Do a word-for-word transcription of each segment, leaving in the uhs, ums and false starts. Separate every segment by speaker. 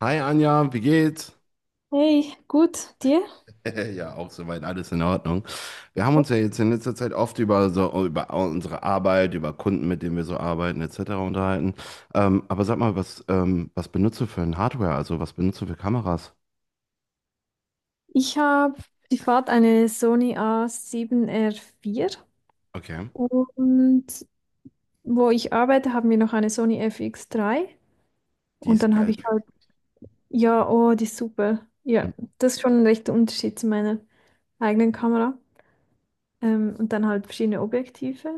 Speaker 1: Hi Anja, wie geht's?
Speaker 2: Hey, gut, dir?
Speaker 1: Ja, auch soweit alles in Ordnung. Wir haben uns ja jetzt in letzter Zeit oft über so über unsere Arbeit, über Kunden, mit denen wir so arbeiten, et cetera unterhalten. Ähm, aber sag mal, was ähm, was benutzt du für ein Hardware? Also was benutzt du für Kameras?
Speaker 2: Ich habe privat eine Sony a sieben r vier
Speaker 1: Okay.
Speaker 2: und wo ich arbeite, haben wir noch eine Sony FX drei.
Speaker 1: Die
Speaker 2: Und dann habe ich
Speaker 1: Skype.
Speaker 2: halt, ja, oh, die ist super. Ja, das ist schon ein rechter Unterschied zu meiner eigenen Kamera. Ähm, und dann halt verschiedene Objektive.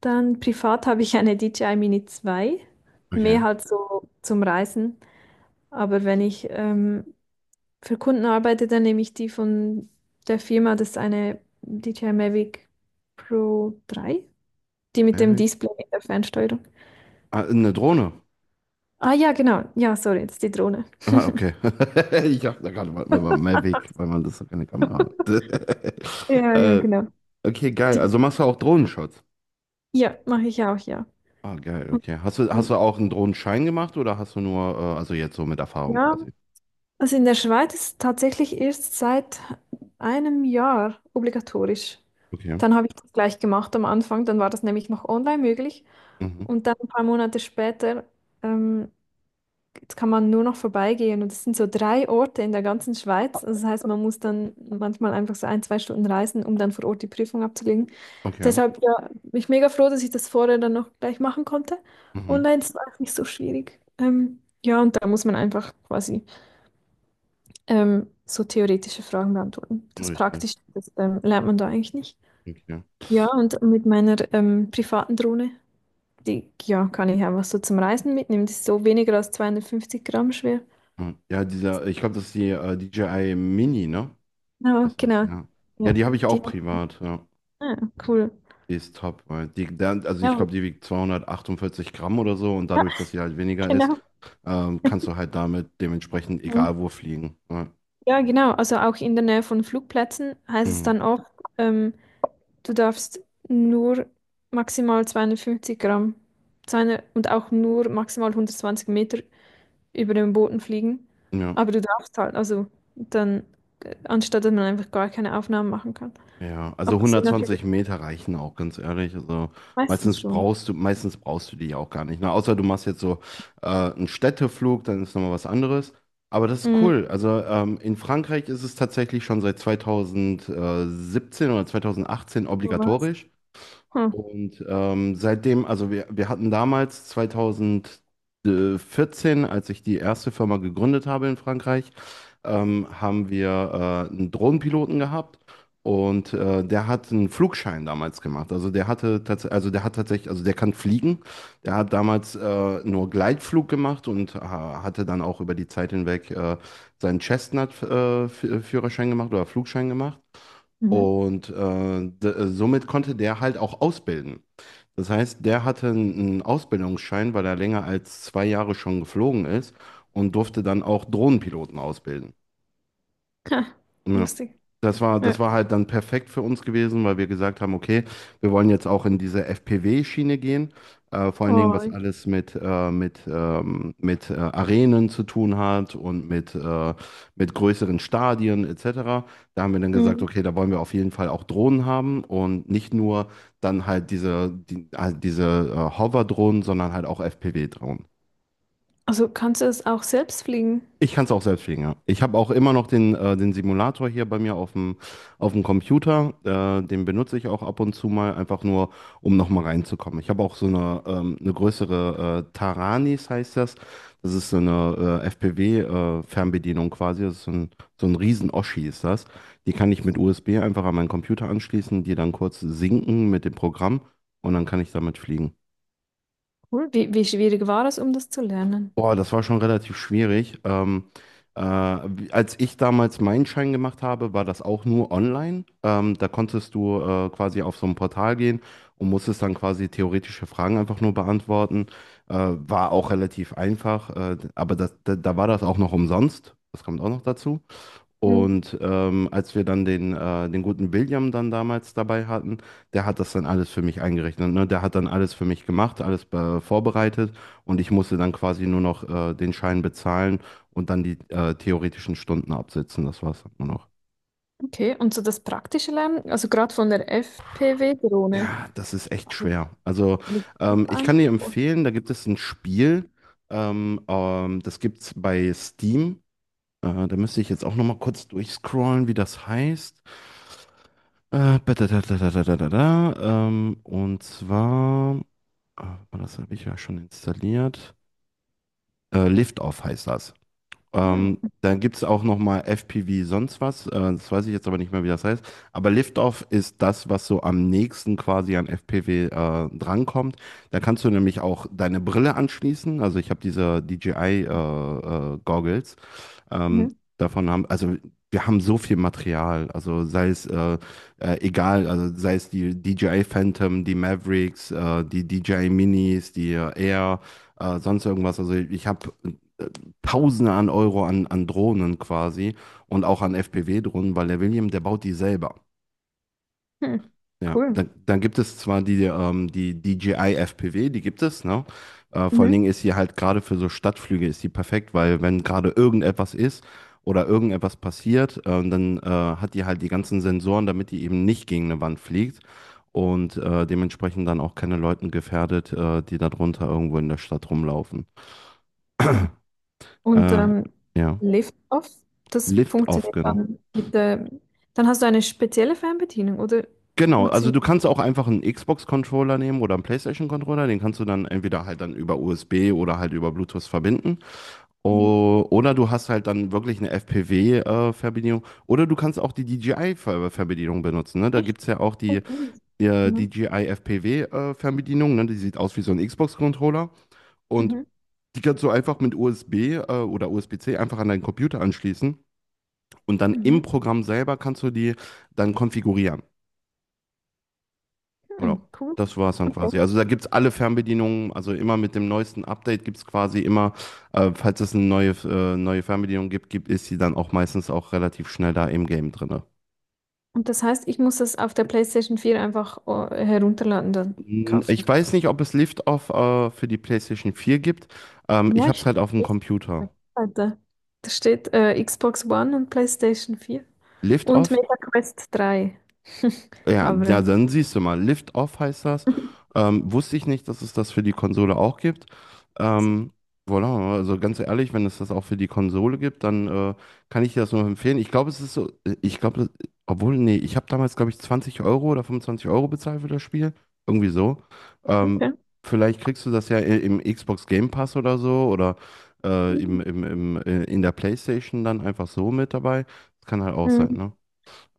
Speaker 2: Dann privat habe ich eine D J I Mini zwei,
Speaker 1: Okay.
Speaker 2: mehr halt so zum Reisen. Aber wenn ich ähm, Für Kunden arbeitet er nämlich die von der Firma, das ist eine D J I Mavic Pro drei, die mit dem
Speaker 1: Mavic.
Speaker 2: Display in der Fernsteuerung.
Speaker 1: Ah, eine Drohne.
Speaker 2: Ah ja, genau. Ja, sorry, jetzt die Drohne.
Speaker 1: Ah, okay. Ich dachte gerade mal, mal mal Mavic, weil man das ist doch keine Kamera hat.
Speaker 2: Ja, ja,
Speaker 1: äh,
Speaker 2: genau.
Speaker 1: okay, geil.
Speaker 2: Die,
Speaker 1: Also machst du auch Drohnenschutz?
Speaker 2: ja, mache ich auch, ja.
Speaker 1: Ah, geil,
Speaker 2: Und,
Speaker 1: okay. Hast du, hast du
Speaker 2: ähm,
Speaker 1: auch einen Drohnenschein gemacht oder hast du nur, äh, also jetzt so mit Erfahrung
Speaker 2: ja,
Speaker 1: quasi?
Speaker 2: also in der Schweiz ist es tatsächlich erst seit einem Jahr obligatorisch.
Speaker 1: Okay.
Speaker 2: Dann habe ich das gleich gemacht am Anfang, dann war das nämlich noch online möglich.
Speaker 1: Mhm.
Speaker 2: Und dann ein paar Monate später, ähm, Jetzt kann man nur noch vorbeigehen und es sind so drei Orte in der ganzen Schweiz. Also das heißt, man muss dann manchmal einfach so ein, zwei Stunden reisen, um dann vor Ort die Prüfung abzulegen.
Speaker 1: Okay.
Speaker 2: Deshalb, ja, bin ich mega froh, dass ich das vorher dann noch gleich machen konnte.
Speaker 1: Mhm.
Speaker 2: Online ist auch nicht so schwierig. Ähm, ja, und da muss man einfach quasi ähm, so theoretische Fragen beantworten. Das
Speaker 1: Richtig.
Speaker 2: Praktische, das ähm, lernt man da eigentlich nicht.
Speaker 1: Okay.
Speaker 2: Ja, und mit meiner ähm, privaten Drohne, die ja, kann ich einfach so zum Reisen mitnehmen. Die ist so weniger als zweihundertfünfzig Gramm schwer.
Speaker 1: Mhm. Ja, dieser, ich glaube, das ist die äh, D J I Mini, ne?
Speaker 2: Genau,
Speaker 1: Ist das,
Speaker 2: genau.
Speaker 1: ja. Ja,
Speaker 2: Ja,
Speaker 1: die habe ich auch
Speaker 2: die,
Speaker 1: privat, ja.
Speaker 2: ah, cool.
Speaker 1: Die ist top, weil die, dann- also ich
Speaker 2: Ja,
Speaker 1: glaube, die wiegt zweihundertachtundvierzig Gramm oder so, und
Speaker 2: ja,
Speaker 1: dadurch, dass sie halt weniger ist,
Speaker 2: genau.
Speaker 1: ähm, kannst du halt damit dementsprechend
Speaker 2: Mhm.
Speaker 1: egal wo fliegen. Ja.
Speaker 2: Ja, genau. Also auch in der Nähe von Flugplätzen heißt es
Speaker 1: Mhm.
Speaker 2: dann oft, ähm, du darfst nur maximal zweihundertfünfzig Gramm, zweihundert, und auch nur maximal hundertzwanzig Meter über dem Boden fliegen.
Speaker 1: Ja.
Speaker 2: Aber du darfst halt, also dann, äh, anstatt dass man einfach gar keine Aufnahmen machen kann.
Speaker 1: Ja,
Speaker 2: Aber
Speaker 1: also
Speaker 2: das sind natürlich
Speaker 1: hundertzwanzig Meter reichen auch, ganz ehrlich. Also
Speaker 2: meistens
Speaker 1: meistens
Speaker 2: schon.
Speaker 1: brauchst du, meistens brauchst du die ja auch gar nicht. Ne? Außer du machst jetzt so äh, einen Städteflug, dann ist nochmal was anderes. Aber das ist
Speaker 2: Mhm.
Speaker 1: cool. Also ähm, in Frankreich ist es tatsächlich schon seit zwanzig siebzehn oder zweitausendachtzehn
Speaker 2: Wo war's?
Speaker 1: obligatorisch.
Speaker 2: Hm.
Speaker 1: Und ähm, seitdem, also wir, wir hatten damals zwanzig vierzehn, als ich die erste Firma gegründet habe in Frankreich, ähm, haben wir äh, einen Drohnenpiloten gehabt und äh, der hat einen Flugschein damals gemacht. Also der hatte tatsächlich, also der hat tatsächlich, also der kann fliegen. Der hat damals äh, nur Gleitflug gemacht und äh, hatte dann auch über die Zeit hinweg äh, seinen Chestnut-Führerschein gemacht oder Flugschein gemacht.
Speaker 2: Mhm.
Speaker 1: Und äh, d- somit konnte der halt auch ausbilden. Das heißt, der hatte einen Ausbildungsschein, weil er länger als zwei Jahre schon geflogen ist und durfte dann auch Drohnenpiloten ausbilden.
Speaker 2: Ha,
Speaker 1: Ja.
Speaker 2: lustig.
Speaker 1: Das war, das
Speaker 2: Ja.
Speaker 1: war halt dann perfekt für uns gewesen, weil wir gesagt haben, okay, wir wollen jetzt auch in diese F P W-Schiene gehen. Äh, vor allen Dingen, was
Speaker 2: Oh.
Speaker 1: alles mit, äh, mit, ähm, mit äh, Arenen zu tun hat und mit, äh, mit größeren Stadien et cetera. Da haben wir dann gesagt, okay, da wollen wir auf jeden Fall auch Drohnen haben, und nicht nur dann halt diese, die, halt diese äh, Hover-Drohnen, sondern halt auch F P V-Drohnen.
Speaker 2: Also kannst du das auch selbst fliegen?
Speaker 1: Ich kann es auch selbst fliegen, ja. Ich habe auch immer noch den, äh, den Simulator hier bei mir auf dem, auf dem Computer. Äh, den benutze ich auch ab und zu mal, einfach nur, um nochmal reinzukommen. Ich habe auch so eine, ähm, eine größere äh, Taranis, heißt das. Das ist so eine äh, F P V-Fernbedienung quasi. Das ist so ein, so ein Riesen-Oschi ist das. Die kann ich mit U S B einfach an meinen Computer anschließen, die dann kurz sinken mit dem Programm, und dann kann ich damit fliegen.
Speaker 2: Cool. Wie, wie schwierig war es, um das zu lernen?
Speaker 1: Boah, das war schon relativ schwierig. Ähm, äh, wie- als ich damals meinen Schein gemacht habe, war das auch nur online. Ähm, da konntest du äh, quasi auf so ein Portal gehen und musstest dann quasi theoretische Fragen einfach nur beantworten. Äh, war auch relativ einfach, äh, aber das, da, da war das auch noch umsonst. Das kommt auch noch dazu.
Speaker 2: Mhm.
Speaker 1: Und ähm, als wir dann den, äh, den guten William dann damals dabei hatten, der hat das dann alles für mich eingerechnet. Ne? Der hat dann alles für mich gemacht, alles äh, vorbereitet, und ich musste dann quasi nur noch äh, den Schein bezahlen und dann die äh, theoretischen Stunden absitzen. Das war's dann nur noch.
Speaker 2: Okay, und so das praktische Lernen, also gerade von der F P V-Drohne.
Speaker 1: Ja, das ist echt
Speaker 2: Also,
Speaker 1: schwer. Also
Speaker 2: liegt das
Speaker 1: ähm, ich kann
Speaker 2: eins
Speaker 1: dir
Speaker 2: vor?
Speaker 1: empfehlen, da gibt es ein Spiel, ähm, ähm, das gibt's bei Steam. Äh, da müsste ich jetzt auch noch mal kurz durchscrollen, wie das heißt. Äh, badadadadadadada, ähm, und zwar, ah, warte mal, das habe ich ja schon installiert. Äh, Liftoff heißt das. Ähm,
Speaker 2: Hm.
Speaker 1: dann gibt es auch nochmal F P V sonst was. Äh, das weiß ich jetzt aber nicht mehr, wie das heißt. Aber Liftoff ist das, was so am nächsten quasi an F P V äh, drankommt. Da kannst du nämlich auch deine Brille anschließen. Also ich habe diese D J I-Goggles. Ähm,
Speaker 2: Mhm.
Speaker 1: davon haben, also wir haben so viel Material. Also sei es äh, äh, egal, also sei es die D J I Phantom, die Mavericks, äh, die D J I Minis, die äh, Air, äh, sonst irgendwas. Also ich habe äh, Tausende an Euro an, an Drohnen quasi und auch an F P V-Drohnen, weil der William, der baut die selber.
Speaker 2: Hm.
Speaker 1: Ja,
Speaker 2: Cool.
Speaker 1: dann, dann gibt es zwar die, ähm, die D J I F P V, die gibt es, ne? Äh, vor allen
Speaker 2: Mhm.
Speaker 1: Dingen ist sie halt gerade für so Stadtflüge ist die perfekt, weil wenn gerade irgendetwas ist oder irgendetwas passiert, ähm, dann äh, hat die halt die ganzen Sensoren, damit die eben nicht gegen eine Wand fliegt und äh, dementsprechend dann auch keine Leuten gefährdet, äh, die darunter irgendwo in der Stadt rumlaufen.
Speaker 2: Hm. Und
Speaker 1: Äh,
Speaker 2: ähm,
Speaker 1: ja,
Speaker 2: Lift-Off, das
Speaker 1: Liftoff,
Speaker 2: funktioniert
Speaker 1: genau.
Speaker 2: dann mit der, dann hast du eine spezielle Fernbedienung, oder
Speaker 1: Genau, also
Speaker 2: funktioniert.
Speaker 1: du kannst auch einfach einen Xbox-Controller nehmen oder einen PlayStation-Controller, den kannst du dann entweder halt dann über U S B oder halt über Bluetooth verbinden.
Speaker 2: Mhm.
Speaker 1: O- Oder du hast halt dann wirklich eine fpv verbindung. Oder du kannst auch die D J I-Verbedienung benutzen. Ne? Da
Speaker 2: Nicht?
Speaker 1: gibt es ja auch die,
Speaker 2: Funktioniert.
Speaker 1: äh,
Speaker 2: Mhm.
Speaker 1: D J I F P V-Verbedienung. Ne? Die sieht aus wie so ein Xbox-Controller. Und
Speaker 2: Mhm.
Speaker 1: die kannst du einfach mit U S B äh, oder U S B-C einfach an deinen Computer anschließen. Und dann im
Speaker 2: Mhm.
Speaker 1: Programm selber kannst du die dann konfigurieren. Oder.
Speaker 2: Hm. Cool.
Speaker 1: Das war es dann quasi.
Speaker 2: Okay.
Speaker 1: Also da gibt es alle Fernbedienungen, also immer mit dem neuesten Update gibt es quasi immer, äh, falls es eine neue, äh, neue Fernbedienung gibt, gibt, ist sie dann auch meistens auch relativ schnell da im Game drin.
Speaker 2: Und das heißt, ich muss das auf der PlayStation vier einfach äh, herunterladen, dann
Speaker 1: Hm,
Speaker 2: kaufen.
Speaker 1: ich weiß nicht, ob es Lift-Off äh, für die PlayStation vier gibt. Ähm,
Speaker 2: Ja,
Speaker 1: ich habe
Speaker 2: ich.
Speaker 1: es halt auf dem Computer.
Speaker 2: Weiter. Da steht äh, Xbox One und PlayStation vier und
Speaker 1: Lift-Off?
Speaker 2: Meta Quest drei.
Speaker 1: Ja,
Speaker 2: Aber äh,
Speaker 1: ja, dann siehst du mal, Lift Off heißt das. Ähm, wusste ich nicht, dass es das für die Konsole auch gibt. Ähm, voilà, also ganz ehrlich, wenn es das auch für die Konsole gibt, dann äh, kann ich dir das nur empfehlen. Ich glaube, es ist so, ich glaube, das- obwohl, nee, ich habe damals, glaube ich, zwanzig Euro oder fünfundzwanzig Euro bezahlt für das Spiel. Irgendwie so. Ähm,
Speaker 2: okay.
Speaker 1: vielleicht kriegst du das ja i- im Xbox Game Pass oder so, oder äh,
Speaker 2: Mhm.
Speaker 1: im, im, im, äh, in der PlayStation dann einfach so mit dabei. Das kann halt auch sein,
Speaker 2: Mhm.
Speaker 1: ne?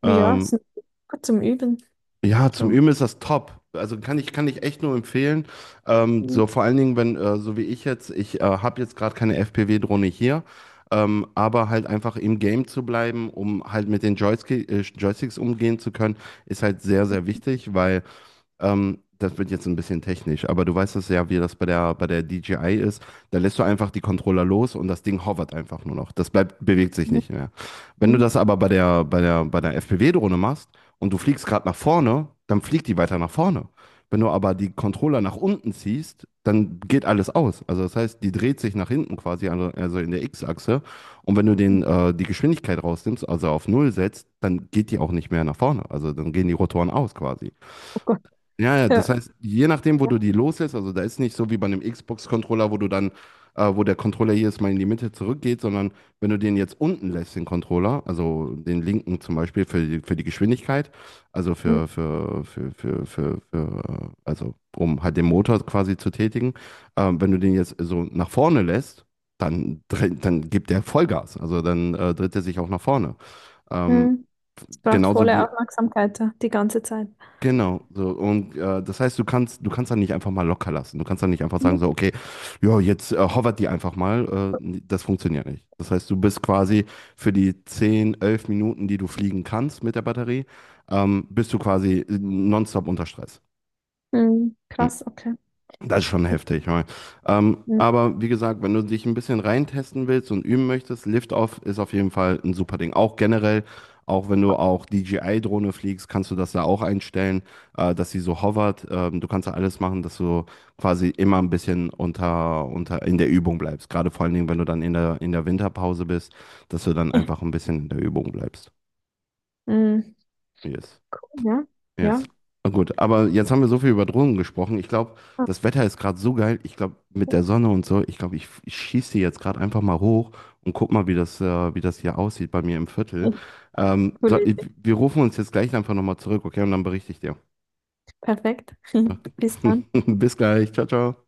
Speaker 2: Ja,
Speaker 1: Ähm,
Speaker 2: es ist gut zum Üben.
Speaker 1: ja, zum
Speaker 2: So.
Speaker 1: Üben ist das top. Also kann ich, kann ich echt nur empfehlen. Ähm,
Speaker 2: Mhm.
Speaker 1: so vor allen Dingen, wenn, äh, so wie ich jetzt, ich äh, habe jetzt gerade keine F P V-Drohne hier, ähm, aber halt einfach im Game zu bleiben, um halt mit den Joystick, äh, Joysticks umgehen zu können, ist halt sehr, sehr wichtig, weil ähm, das wird jetzt ein bisschen technisch, aber du weißt es ja, wie das bei der, bei der D J I ist. Da lässt du einfach die Controller los und das Ding hovert einfach nur noch. Das bleibt, bewegt sich
Speaker 2: Mhm.
Speaker 1: nicht mehr. Wenn du das aber bei der, bei der, bei der F P V-Drohne machst und du fliegst gerade nach vorne, dann fliegt die weiter nach vorne. Wenn du aber die Controller nach unten ziehst, dann geht alles aus. Also das heißt, die dreht sich nach hinten quasi, also also in der X-Achse. Und wenn du
Speaker 2: Mhm.
Speaker 1: den, äh, die Geschwindigkeit rausnimmst, also auf Null setzt, dann geht die auch nicht mehr nach vorne. Also dann gehen die Rotoren aus quasi.
Speaker 2: Oh Gott.
Speaker 1: Ja, ja, das
Speaker 2: Ja.
Speaker 1: heißt, je nachdem, wo du die loslässt, also da ist nicht so wie bei einem Xbox-Controller, wo du dann, äh, wo der Controller jedes Mal in die Mitte zurückgeht, sondern wenn du den jetzt unten lässt, den Controller, also den linken zum Beispiel für die, für die Geschwindigkeit, also
Speaker 2: Mhm.
Speaker 1: für, für, für, für, für, für, äh, also um halt den Motor quasi zu tätigen, ähm, wenn du den jetzt so nach vorne lässt, dann, dre- dann gibt der Vollgas, also dann äh, dreht er sich auch nach vorne. Ähm,
Speaker 2: Mhm. Es braucht
Speaker 1: genauso
Speaker 2: volle
Speaker 1: wie,
Speaker 2: Aufmerksamkeit, ja, die ganze Zeit.
Speaker 1: Genau, so, und äh, das heißt, du kannst du kannst dann nicht einfach mal locker lassen. Du kannst dann nicht einfach sagen
Speaker 2: Mhm.
Speaker 1: so, okay, ja, jetzt äh, hovert die einfach mal. Äh, Das funktioniert nicht. Das heißt, du bist quasi für die zehn, elf Minuten, die du fliegen kannst mit der Batterie, ähm, bist du quasi äh, nonstop unter Stress.
Speaker 2: Mhm.
Speaker 1: Hm.
Speaker 2: Krass, okay.
Speaker 1: Das ist schon heftig. Ja. Ähm,
Speaker 2: Mhm.
Speaker 1: aber wie gesagt, wenn du dich ein bisschen reintesten willst und üben möchtest, Liftoff ist auf jeden Fall ein super Ding. Auch generell, auch wenn du auch D J I-Drohne fliegst, kannst du das da auch einstellen, äh, dass sie so hovert. Ähm, du kannst da alles machen, dass du quasi immer ein bisschen unter, unter in der Übung bleibst. Gerade vor allen Dingen, wenn du dann in der, in der Winterpause bist, dass du dann einfach ein bisschen in der Übung bleibst.
Speaker 2: Mhm.
Speaker 1: Yes.
Speaker 2: Cool, ja.
Speaker 1: Yes.
Speaker 2: Ja.
Speaker 1: Na gut, aber jetzt haben wir so viel über Drohnen gesprochen. Ich glaube,
Speaker 2: Ah.
Speaker 1: das Wetter ist gerade so geil. Ich glaube, mit der Sonne und so, ich glaube, ich, ich schieße die jetzt gerade einfach mal hoch und guck mal, wie das, äh, wie das hier aussieht bei mir im Viertel.
Speaker 2: Ja.
Speaker 1: Ähm, so, ich-
Speaker 2: Politik.
Speaker 1: Wir rufen uns jetzt gleich einfach nochmal zurück, okay? Und dann berichte ich dir.
Speaker 2: Perfekt. Bis dann.
Speaker 1: Bis gleich. Ciao, ciao.